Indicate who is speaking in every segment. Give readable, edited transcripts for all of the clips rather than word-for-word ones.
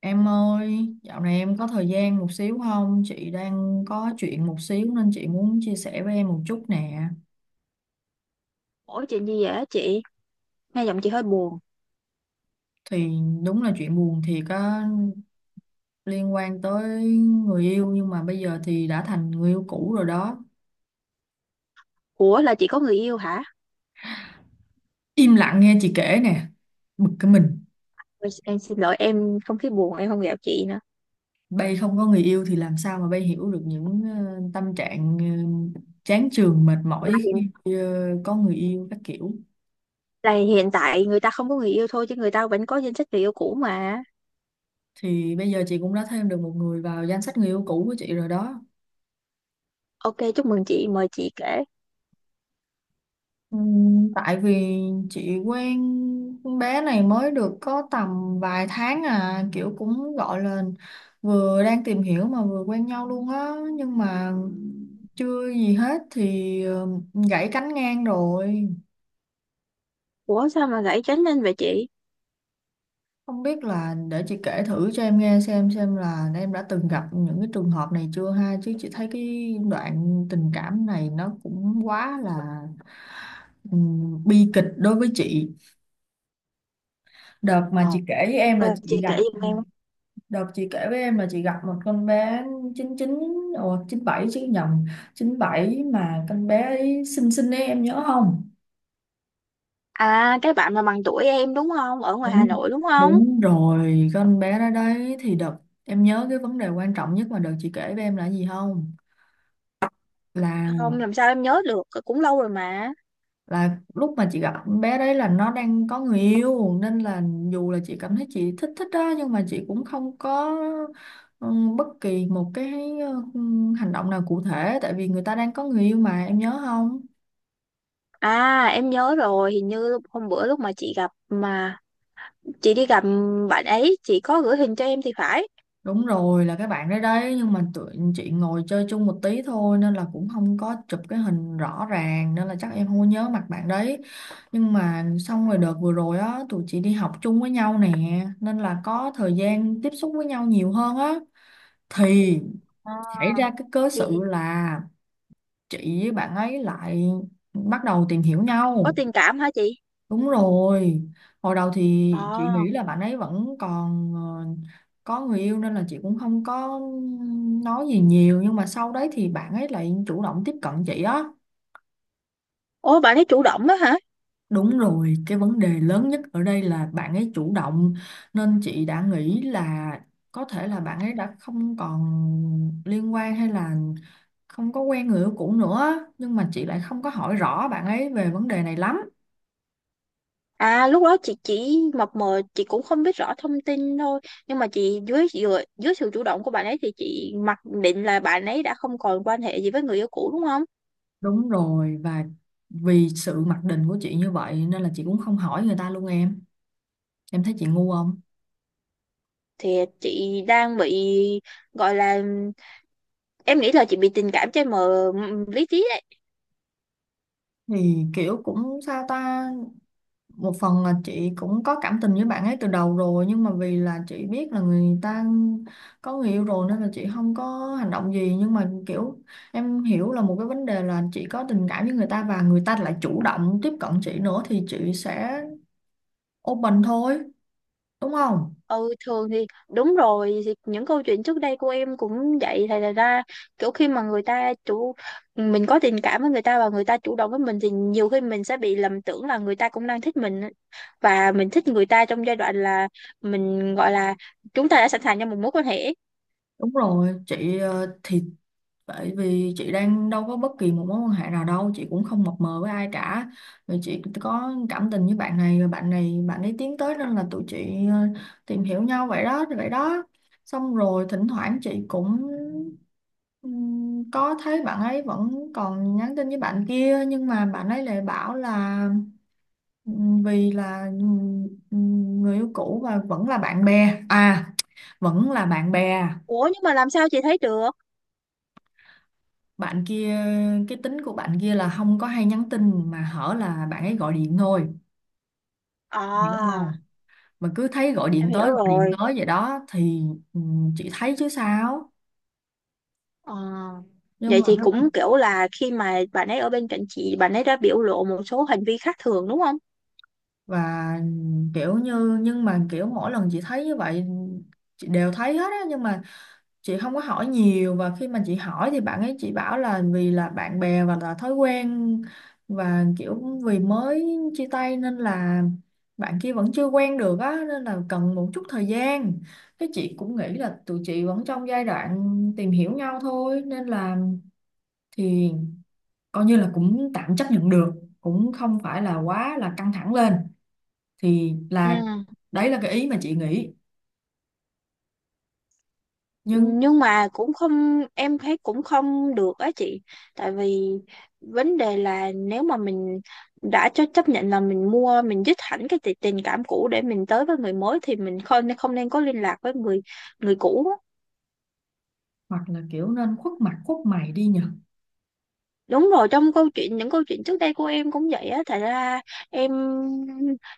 Speaker 1: Em ơi, dạo này em có thời gian một xíu không? Chị đang có chuyện một xíu nên chị muốn chia sẻ với em một chút nè.
Speaker 2: Ủa chuyện gì vậy á chị? Nghe giọng chị hơi buồn.
Speaker 1: Thì đúng là chuyện buồn thiệt á, liên quan tới người yêu nhưng mà bây giờ thì đã thành người yêu cũ rồi đó.
Speaker 2: Ủa là chị có người yêu hả?
Speaker 1: Im lặng nghe chị kể nè, bực cái mình.
Speaker 2: Ôi, em xin lỗi em không khí buồn em không gặp chị nữa.
Speaker 1: Bây không có người yêu thì làm sao mà bây hiểu được những tâm trạng chán chường mệt mỏi
Speaker 2: Hiện,
Speaker 1: khi có người yêu các kiểu.
Speaker 2: là hiện tại người ta không có người yêu thôi chứ người ta vẫn có danh sách người yêu cũ mà.
Speaker 1: Thì bây giờ chị cũng đã thêm được một người vào danh sách người yêu cũ của chị rồi đó.
Speaker 2: Ok, chúc mừng chị, mời chị kể.
Speaker 1: Tại vì chị quen con bé này mới được có tầm vài tháng à, kiểu cũng gọi là vừa đang tìm hiểu mà vừa quen nhau luôn á, nhưng mà chưa gì hết thì gãy cánh ngang rồi.
Speaker 2: Ủa sao mà gãy tránh lên vậy chị?
Speaker 1: Không biết, là để chị kể thử cho em nghe xem là em đã từng gặp những cái trường hợp này chưa ha, chứ chị thấy cái đoạn tình cảm này nó cũng quá là bi kịch đối với chị. Đợt mà
Speaker 2: Ờ,
Speaker 1: chị kể với em là
Speaker 2: Ok, chị
Speaker 1: chị
Speaker 2: kể
Speaker 1: gặp
Speaker 2: giùm em.
Speaker 1: Đợt chị kể với em là chị gặp một con bé 99. Ồ, chín bảy chứ, nhầm, chín bảy mà, con bé ấy xinh xinh ấy, em nhớ không?
Speaker 2: À cái bạn mà bằng tuổi em đúng không? Ở ngoài Hà
Speaker 1: Đúng
Speaker 2: Nội đúng không?
Speaker 1: đúng rồi, con bé đó đấy. Thì đợt em nhớ cái vấn đề quan trọng nhất mà đợt chị kể với em là gì không? Là
Speaker 2: Không, làm sao em nhớ được. Ờ, Cũng lâu rồi mà.
Speaker 1: là lúc mà chị gặp con bé đấy là nó đang có người yêu, nên là dù là chị cảm thấy chị thích thích đó, nhưng mà chị cũng không có ừ, bất kỳ một cái ừ, hành động nào cụ thể, tại vì người ta đang có người yêu mà, em nhớ không?
Speaker 2: À em nhớ rồi, hình như hôm bữa lúc mà chị gặp mà chị đi gặp bạn ấy chị có gửi hình cho em thì phải.
Speaker 1: Đúng rồi, là cái bạn đấy đấy, nhưng mà tụi chị ngồi chơi chung một tí thôi nên là cũng không có chụp cái hình rõ ràng, nên là chắc em không có nhớ mặt bạn đấy. Nhưng mà xong rồi đợt vừa rồi á, tụi chị đi học chung với nhau nè, nên là có thời gian tiếp xúc với nhau nhiều hơn á. Thì
Speaker 2: À,
Speaker 1: xảy ra cái cớ sự
Speaker 2: thì
Speaker 1: là chị với bạn ấy lại bắt đầu tìm hiểu
Speaker 2: có
Speaker 1: nhau.
Speaker 2: tình cảm hả chị?
Speaker 1: Đúng rồi, hồi đầu thì chị
Speaker 2: Ờ.
Speaker 1: nghĩ là bạn ấy vẫn còn có người yêu nên là chị cũng không có nói gì nhiều, nhưng mà sau đấy thì bạn ấy lại chủ động tiếp cận chị á.
Speaker 2: Ủa bạn ấy chủ động đó hả?
Speaker 1: Đúng rồi, cái vấn đề lớn nhất ở đây là bạn ấy chủ động, nên chị đã nghĩ là có thể là bạn ấy đã không còn liên quan hay là không có quen người yêu cũ nữa, nhưng mà chị lại không có hỏi rõ bạn ấy về vấn đề này lắm.
Speaker 2: À lúc đó chị chỉ mập mờ chị cũng không biết rõ thông tin thôi, nhưng mà chị dưới dưới, dưới sự chủ động của bạn ấy thì chị mặc định là bạn ấy đã không còn quan hệ gì với người yêu cũ đúng không?
Speaker 1: Đúng rồi, và vì sự mặc định của chị như vậy nên là chị cũng không hỏi người ta luôn em. Em thấy chị ngu không?
Speaker 2: Thì chị đang bị, gọi là, em nghĩ là chị bị tình cảm che mờ lý trí.
Speaker 1: Thì kiểu cũng sao ta, một phần là chị cũng có cảm tình với bạn ấy từ đầu rồi, nhưng mà vì là chị biết là người ta có người yêu rồi nên là chị không có hành động gì, nhưng mà kiểu em hiểu là một cái vấn đề là chị có tình cảm với người ta và người ta lại chủ động tiếp cận chị nữa, thì chị sẽ open thôi, đúng không?
Speaker 2: Ừ thường thì đúng rồi, thì những câu chuyện trước đây của em cũng vậy, thì là ra kiểu khi mà người ta chủ, mình có tình cảm với người ta và người ta chủ động với mình thì nhiều khi mình sẽ bị lầm tưởng là người ta cũng đang thích mình, và mình thích người ta trong giai đoạn là mình gọi là chúng ta đã sẵn sàng cho một mối quan hệ.
Speaker 1: Đúng rồi chị thì tại vì chị đang đâu có bất kỳ một mối quan hệ nào đâu, chị cũng không mập mờ với ai cả. Rồi chị có cảm tình với bạn này, rồi bạn này, bạn ấy tiến tới nên là tụi chị tìm hiểu nhau vậy đó, vậy đó. Xong rồi thỉnh thoảng chị cũng có thấy bạn ấy vẫn còn nhắn tin với bạn kia, nhưng mà bạn ấy lại bảo là vì là người yêu cũ và vẫn là bạn bè, à, vẫn là bạn bè.
Speaker 2: Ủa nhưng mà làm sao chị thấy được?
Speaker 1: Bạn kia, cái tính của bạn kia là không có hay nhắn tin mà hở là bạn ấy gọi điện thôi, hiểu
Speaker 2: À
Speaker 1: không? Mà cứ thấy gọi
Speaker 2: em
Speaker 1: điện
Speaker 2: hiểu
Speaker 1: tới, gọi điện
Speaker 2: rồi.
Speaker 1: tới vậy đó thì ừ, chị thấy chứ sao.
Speaker 2: Ờ.
Speaker 1: Nhưng
Speaker 2: Vậy
Speaker 1: mà
Speaker 2: thì cũng kiểu là khi mà bạn ấy ở bên cạnh chị bạn ấy đã biểu lộ một số hành vi khác thường đúng không?
Speaker 1: và kiểu như, nhưng mà kiểu mỗi lần chị thấy như vậy, chị đều thấy hết á, nhưng mà chị không có hỏi nhiều, và khi mà chị hỏi thì bạn ấy chỉ bảo là vì là bạn bè và là thói quen, và kiểu vì mới chia tay nên là bạn kia vẫn chưa quen được á, nên là cần một chút thời gian. Cái chị cũng nghĩ là tụi chị vẫn trong giai đoạn tìm hiểu nhau thôi nên là thì coi như là cũng tạm chấp nhận được, cũng không phải là quá là căng thẳng lên. Thì
Speaker 2: Ừ
Speaker 1: là đấy là cái ý mà chị nghĩ, nhưng
Speaker 2: nhưng mà cũng không, em thấy cũng không được á chị. Tại vì vấn đề là nếu mà mình đã cho chấp nhận là mình mua mình dứt hẳn cái tình cảm cũ để mình tới với người mới thì mình không không nên có liên lạc với người người cũ.
Speaker 1: hoặc là kiểu nên khuất mặt khuất mày đi nhờ.
Speaker 2: Đúng rồi, trong câu chuyện những câu chuyện trước đây của em cũng vậy á, thật ra em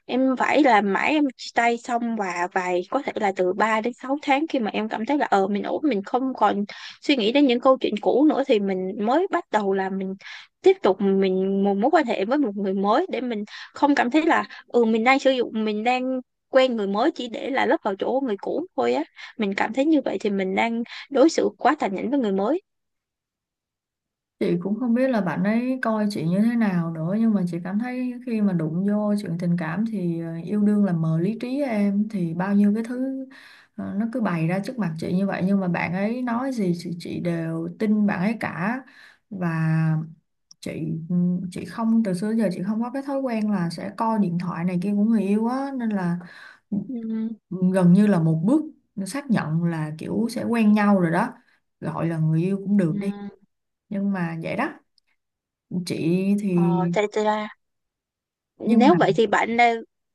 Speaker 2: em phải làm mãi, em chia tay xong và vài có thể là từ 3 đến 6 tháng khi mà em cảm thấy là ờ mình ổn, mình không còn suy nghĩ đến những câu chuyện cũ nữa thì mình mới bắt đầu là mình tiếp tục mình một mối quan hệ với một người mới để mình không cảm thấy là ừ mình đang sử dụng mình đang quen người mới chỉ để là lấp vào chỗ người cũ thôi á. Mình cảm thấy như vậy thì mình đang đối xử quá tàn nhẫn với người mới.
Speaker 1: Chị cũng không biết là bạn ấy coi chị như thế nào nữa, nhưng mà chị cảm thấy khi mà đụng vô chuyện tình cảm thì yêu đương là mờ lý trí em, thì bao nhiêu cái thứ nó cứ bày ra trước mặt chị như vậy, nhưng mà bạn ấy nói gì thì chị đều tin bạn ấy cả. Và chị ừ, chị không, từ xưa đến giờ chị không có cái thói quen là sẽ coi điện thoại này kia của người yêu á, nên là
Speaker 2: Ừ.
Speaker 1: gần như là một bước xác nhận là kiểu sẽ quen nhau rồi đó, gọi là người yêu cũng được
Speaker 2: Ừ.
Speaker 1: đi, nhưng mà vậy đó. Chị thì
Speaker 2: Tại là,
Speaker 1: nhưng
Speaker 2: nếu
Speaker 1: mà
Speaker 2: vậy thì bạn đã,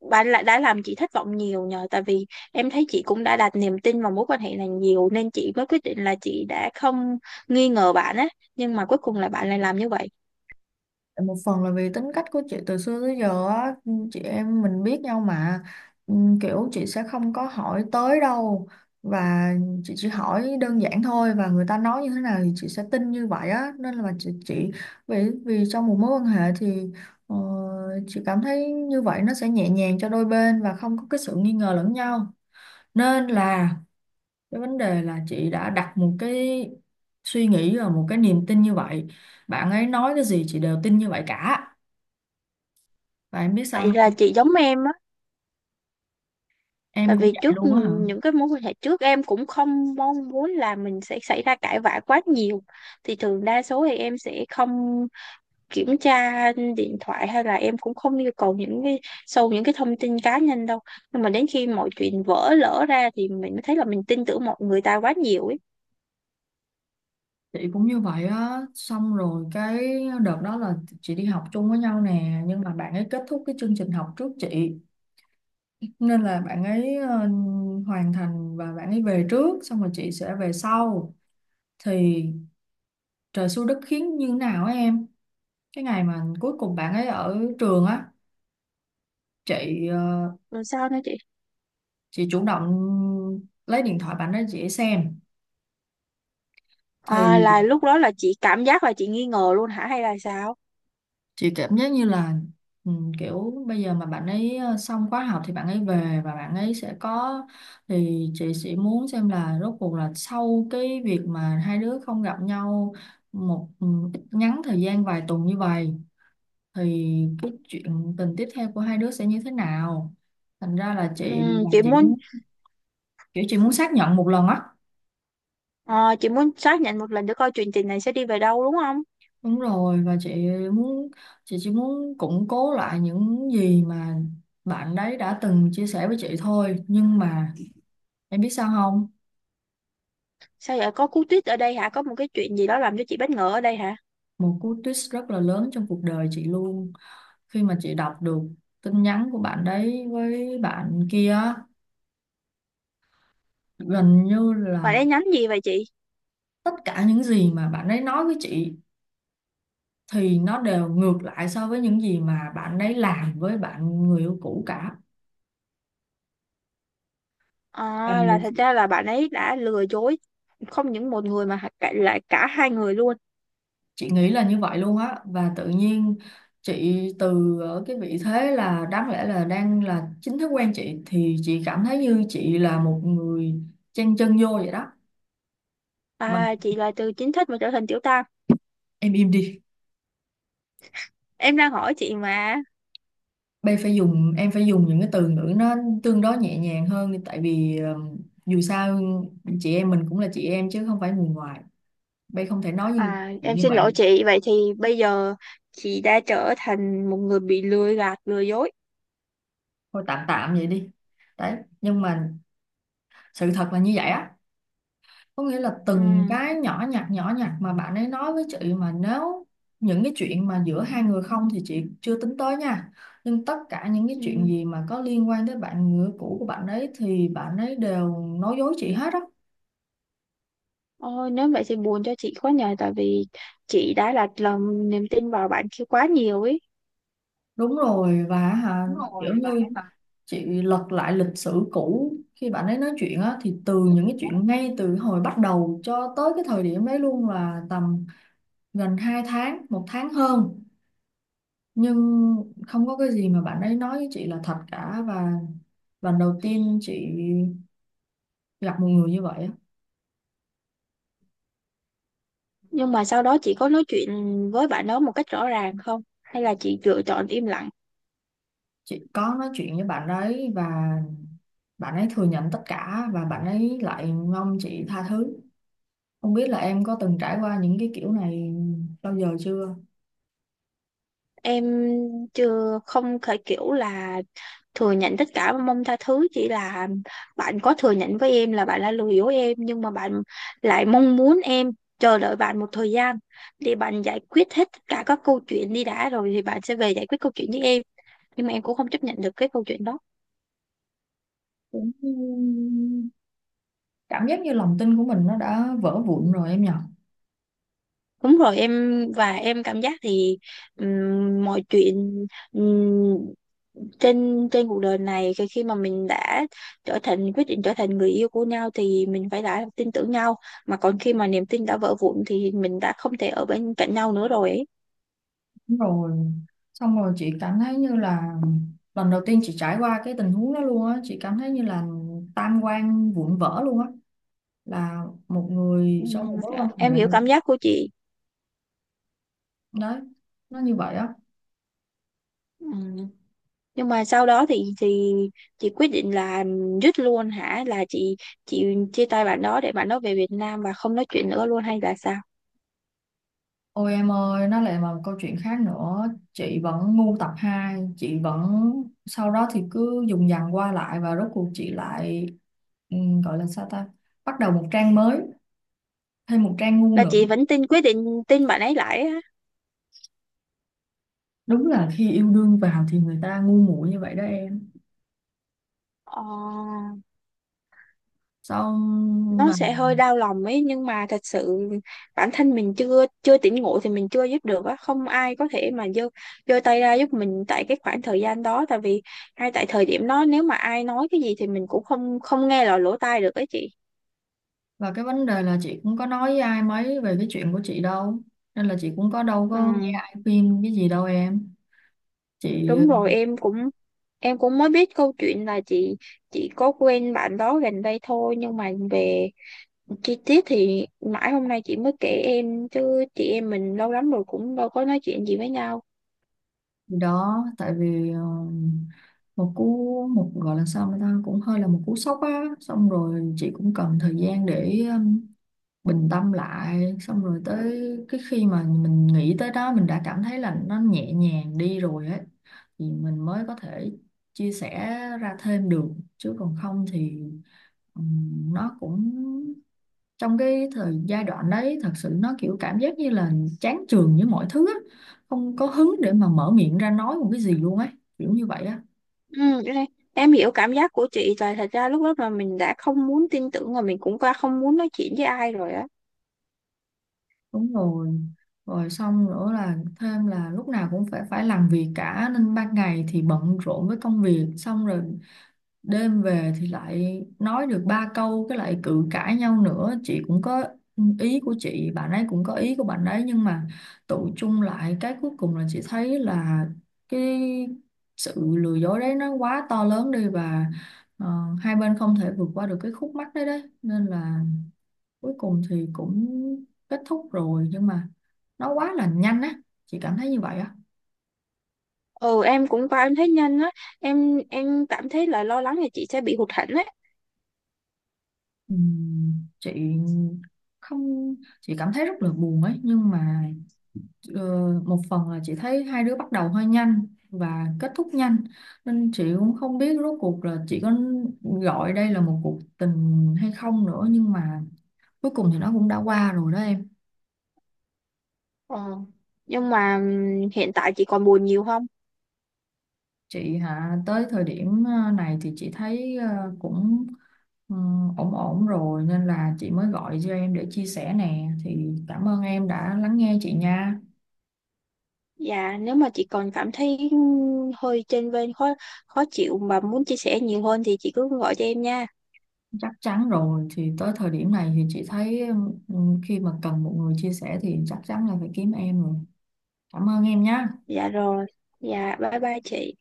Speaker 2: bạn lại đã làm chị thất vọng nhiều nhờ. Tại vì em thấy chị cũng đã đặt niềm tin vào mối quan hệ này nhiều nên chị mới quyết định là chị đã không nghi ngờ bạn á, nhưng mà cuối cùng là bạn lại làm như vậy.
Speaker 1: một phần là vì tính cách của chị từ xưa tới giờ á, chị em mình biết nhau mà. Ừ, kiểu chị sẽ không có hỏi tới đâu, và chị chỉ hỏi đơn giản thôi, và người ta nói như thế nào thì chị sẽ tin như vậy á, nên là chị vì vì trong một mối quan hệ thì ờ, chị cảm thấy như vậy nó sẽ nhẹ nhàng cho đôi bên và không có cái sự nghi ngờ lẫn nhau. Nên là cái vấn đề là chị đã đặt một cái suy nghĩ và một cái niềm tin như vậy, bạn ấy nói cái gì chị đều tin như vậy cả. Và em biết sao
Speaker 2: Vậy là
Speaker 1: không?
Speaker 2: chị giống em á. Tại
Speaker 1: Em cũng
Speaker 2: vì
Speaker 1: vậy
Speaker 2: trước
Speaker 1: luôn á hả?
Speaker 2: những cái mối quan hệ trước em cũng không mong muốn là mình sẽ xảy ra cãi vã quá nhiều, thì thường đa số thì em sẽ không kiểm tra điện thoại, hay là em cũng không yêu cầu những cái sâu những cái thông tin cá nhân đâu. Nhưng mà đến khi mọi chuyện vỡ lỡ ra thì mình mới thấy là mình tin tưởng mọi người ta quá nhiều ấy.
Speaker 1: Chị cũng như vậy á, xong rồi cái đợt đó là chị đi học chung với nhau nè, nhưng mà bạn ấy kết thúc cái chương trình học trước chị. Nên là bạn ấy hoàn thành và bạn ấy về trước, xong rồi chị sẽ về sau. Thì trời xui đất khiến như nào á em? Cái ngày mà cuối cùng bạn ấy ở trường á, chị
Speaker 2: Rồi sao nữa chị?
Speaker 1: chị chủ động lấy điện thoại bạn ấy chị xem.
Speaker 2: À
Speaker 1: Thì
Speaker 2: là lúc đó là chị cảm giác là chị nghi ngờ luôn hả hay là sao?
Speaker 1: chị cảm giác như là ừ, kiểu bây giờ mà bạn ấy xong khóa học thì bạn ấy về và bạn ấy sẽ có, thì chị sẽ muốn xem là rốt cuộc là sau cái việc mà hai đứa không gặp nhau một ít ngắn thời gian vài tuần như vậy thì cái chuyện tình tiếp theo của hai đứa sẽ như thế nào. Thành ra là chị, là
Speaker 2: Chị
Speaker 1: chị
Speaker 2: muốn,
Speaker 1: muốn, kiểu chị muốn xác nhận một lần á.
Speaker 2: ờ, chị muốn xác nhận một lần để coi chuyện tình này sẽ đi về đâu đúng không?
Speaker 1: Đúng rồi, và chị muốn, chị chỉ muốn củng cố lại những gì mà bạn đấy đã từng chia sẻ với chị thôi, nhưng mà em biết sao không?
Speaker 2: Sao vậy, có cú tuyết ở đây hả, có một cái chuyện gì đó làm cho chị bất ngờ ở đây hả?
Speaker 1: Một cú twist rất là lớn trong cuộc đời chị luôn, khi mà chị đọc được tin nhắn của bạn đấy với bạn kia á, gần như
Speaker 2: Bạn
Speaker 1: là
Speaker 2: ấy nhắn gì vậy chị?
Speaker 1: tất cả những gì mà bạn ấy nói với chị thì nó đều ngược lại so với những gì mà bạn ấy làm với bạn người yêu cũ cả. Và
Speaker 2: À, là thật ra là bạn ấy đã lừa dối không những một người mà lại cả hai người luôn.
Speaker 1: chị nghĩ là như vậy luôn á, và tự nhiên chị từ ở cái vị thế là đáng lẽ là đang là chính thức quen chị thì chị cảm thấy như chị là một người chen chân vô vậy đó. Mà
Speaker 2: À, chị là từ chính thức mà trở thành tiểu tam.
Speaker 1: em im đi,
Speaker 2: Em đang hỏi chị mà.
Speaker 1: bây phải dùng, em phải dùng những cái từ ngữ nó tương đối nhẹ nhàng hơn đi, tại vì dù sao chị em mình cũng là chị em chứ không phải người ngoài, bây không thể nói như
Speaker 2: À,
Speaker 1: chị
Speaker 2: em
Speaker 1: như
Speaker 2: xin
Speaker 1: vậy
Speaker 2: lỗi
Speaker 1: được.
Speaker 2: chị. Vậy thì bây giờ chị đã trở thành một người bị lừa gạt, lừa dối.
Speaker 1: Thôi tạm tạm vậy đi, đấy nhưng mà sự thật là như vậy á, có nghĩa là
Speaker 2: Ừ.
Speaker 1: từng cái nhỏ nhặt, nhỏ nhặt mà bạn ấy nói với chị mà nếu những cái chuyện mà giữa hai người không thì chị chưa tính tới nha, nhưng tất cả những cái chuyện
Speaker 2: Ừ.
Speaker 1: gì mà có liên quan tới bạn người cũ của bạn ấy thì bạn ấy đều nói dối chị hết á.
Speaker 2: Ôi, nếu vậy thì buồn cho chị quá nhờ. Tại vì chị đã đặt lòng niềm tin vào bạn kia quá nhiều ấy.
Speaker 1: Đúng rồi và hả, kiểu như chị lật lại lịch sử cũ khi bạn ấy nói chuyện á, thì từ những cái chuyện ngay từ hồi bắt đầu cho tới cái thời điểm đấy luôn là tầm gần 2 tháng 1 tháng hơn, nhưng không có cái gì mà bạn ấy nói với chị là thật cả. Và lần đầu tiên chị gặp một người như vậy á.
Speaker 2: Nhưng mà sau đó chị có nói chuyện với bạn đó một cách rõ ràng không? Hay là chị lựa chọn im lặng?
Speaker 1: Chị có nói chuyện với bạn ấy, và bạn ấy thừa nhận tất cả, và bạn ấy lại mong chị tha thứ. Không biết là em có từng trải qua những cái kiểu này bao giờ chưa.
Speaker 2: Em chưa, không thể kiểu là thừa nhận tất cả và mong tha thứ, chỉ là bạn có thừa nhận với em là bạn đã lừa dối em nhưng mà bạn lại mong muốn em chờ đợi bạn một thời gian để bạn giải quyết hết tất cả các câu chuyện đi đã rồi thì bạn sẽ về giải quyết câu chuyện với em. Nhưng mà em cũng không chấp nhận được cái câu chuyện đó.
Speaker 1: Cũng cảm giác như lòng tin của mình nó đã vỡ vụn rồi em nhỉ.
Speaker 2: Đúng rồi em, và em cảm giác thì mọi chuyện, ừm, trên trên cuộc đời này khi khi mà mình đã trở thành quyết định trở thành người yêu của nhau thì mình phải đã tin tưởng nhau, mà còn khi mà niềm tin đã vỡ vụn thì mình đã không thể ở bên cạnh nhau nữa rồi ấy.
Speaker 1: Đúng rồi, xong rồi chị cảm thấy như là lần đầu tiên chị trải qua cái tình huống đó luôn á, chị cảm thấy như là tam quan vụn vỡ luôn á, là một người trong một mối
Speaker 2: Dạ,
Speaker 1: quan hệ.
Speaker 2: em hiểu cảm giác của chị.
Speaker 1: Đấy, nó như vậy á.
Speaker 2: Ừm, nhưng mà sau đó thì chị quyết định là dứt luôn hả, là chị chị chia tay bạn đó để bạn đó về Việt Nam và không nói chuyện nữa luôn hay là sao?
Speaker 1: Ôi em ơi, nó lại là một câu chuyện khác nữa. Chị vẫn ngu tập 2, chị vẫn sau đó thì cứ dùng dằng qua lại, và rốt cuộc chị lại, ừ, gọi là sao ta, bắt đầu một trang mới, thêm một trang ngu
Speaker 2: Là
Speaker 1: nữa.
Speaker 2: chị vẫn tin, quyết định tin bạn ấy lại á?
Speaker 1: Đúng là khi yêu đương vào thì người ta ngu muội như vậy đó em.
Speaker 2: ờ,
Speaker 1: Xong
Speaker 2: nó
Speaker 1: mà.
Speaker 2: sẽ hơi đau lòng ấy nhưng mà thật sự bản thân mình chưa chưa tỉnh ngộ thì mình chưa giúp được á, không ai có thể mà giơ giơ tay ra giúp mình tại cái khoảng thời gian đó. Tại vì ngay tại thời điểm đó nếu mà ai nói cái gì thì mình cũng không không nghe lọt lỗ tai được ấy chị.
Speaker 1: Và cái vấn đề là chị cũng có nói với ai mấy về cái chuyện của chị đâu, nên là chị cũng có đâu có nghe
Speaker 2: ừ,
Speaker 1: ai khuyên cái gì đâu em. Chị,
Speaker 2: Đúng rồi em cũng, em cũng mới biết câu chuyện là chị có quen bạn đó gần đây thôi nhưng mà về chi tiết thì mãi hôm nay chị mới kể em chứ chị em mình lâu lắm rồi cũng đâu có nói chuyện gì với nhau.
Speaker 1: thì đó, tại vì một cú, một gọi là sao, người ta cũng hơi là một cú sốc á, xong rồi chị cũng cần thời gian để bình tâm lại, xong rồi tới cái khi mà mình nghĩ tới đó mình đã cảm thấy là nó nhẹ nhàng đi rồi ấy, thì mình mới có thể chia sẻ ra thêm được. Chứ còn không thì, nó cũng, trong cái thời giai đoạn đấy thật sự nó kiểu cảm giác như là chán chường với mọi thứ á, không có hứng để mà mở miệng ra nói một cái gì luôn ấy, kiểu như vậy á.
Speaker 2: Ừ, cái này, em hiểu cảm giác của chị là thật ra lúc đó mà mình đã không muốn tin tưởng và mình cũng qua không muốn nói chuyện với ai rồi á.
Speaker 1: Đúng rồi, rồi xong nữa là thêm là lúc nào cũng phải phải làm việc cả, nên ban ngày thì bận rộn với công việc, xong rồi đêm về thì lại nói được ba câu cái lại cự cãi nhau nữa. Chị cũng có ý của chị, bạn ấy cũng có ý của bạn ấy, nhưng mà tụ chung lại cái cuối cùng là chị thấy là cái sự lừa dối đấy nó quá to lớn đi, và ờ, hai bên không thể vượt qua được cái khúc mắc đấy đấy, nên là cuối cùng thì cũng kết thúc rồi, nhưng mà nó quá là nhanh á, chị cảm thấy như vậy á.
Speaker 2: Ừ em cũng qua em thấy nhanh á. Em cảm thấy là lo lắng là chị sẽ bị hụt hẫng á.
Speaker 1: Ừm, chị không, chị cảm thấy rất là buồn ấy, nhưng mà, Ờ, một phần là chị thấy hai đứa bắt đầu hơi nhanh và kết thúc nhanh, nên chị cũng không biết rốt cuộc là chị có gọi đây là một cuộc tình hay không nữa, nhưng mà cuối cùng thì nó cũng đã qua rồi đó em.
Speaker 2: Nhưng mà hiện tại chị còn buồn nhiều không?
Speaker 1: Chị hả? Tới thời điểm này thì chị thấy cũng ờ, ổn ổn rồi, nên là chị mới gọi cho em để chia sẻ nè, thì cảm ơn em đã lắng nghe chị nha.
Speaker 2: Dạ nếu mà chị còn cảm thấy hơi chênh vênh, khó khó chịu mà muốn chia sẻ nhiều hơn thì chị cứ gọi cho em nha.
Speaker 1: Chắc chắn rồi, thì tới thời điểm này thì chị thấy, ừ, khi mà cần một người chia sẻ thì chắc chắn là phải kiếm em rồi. Cảm ơn em nhé.
Speaker 2: Dạ rồi, dạ bye bye chị.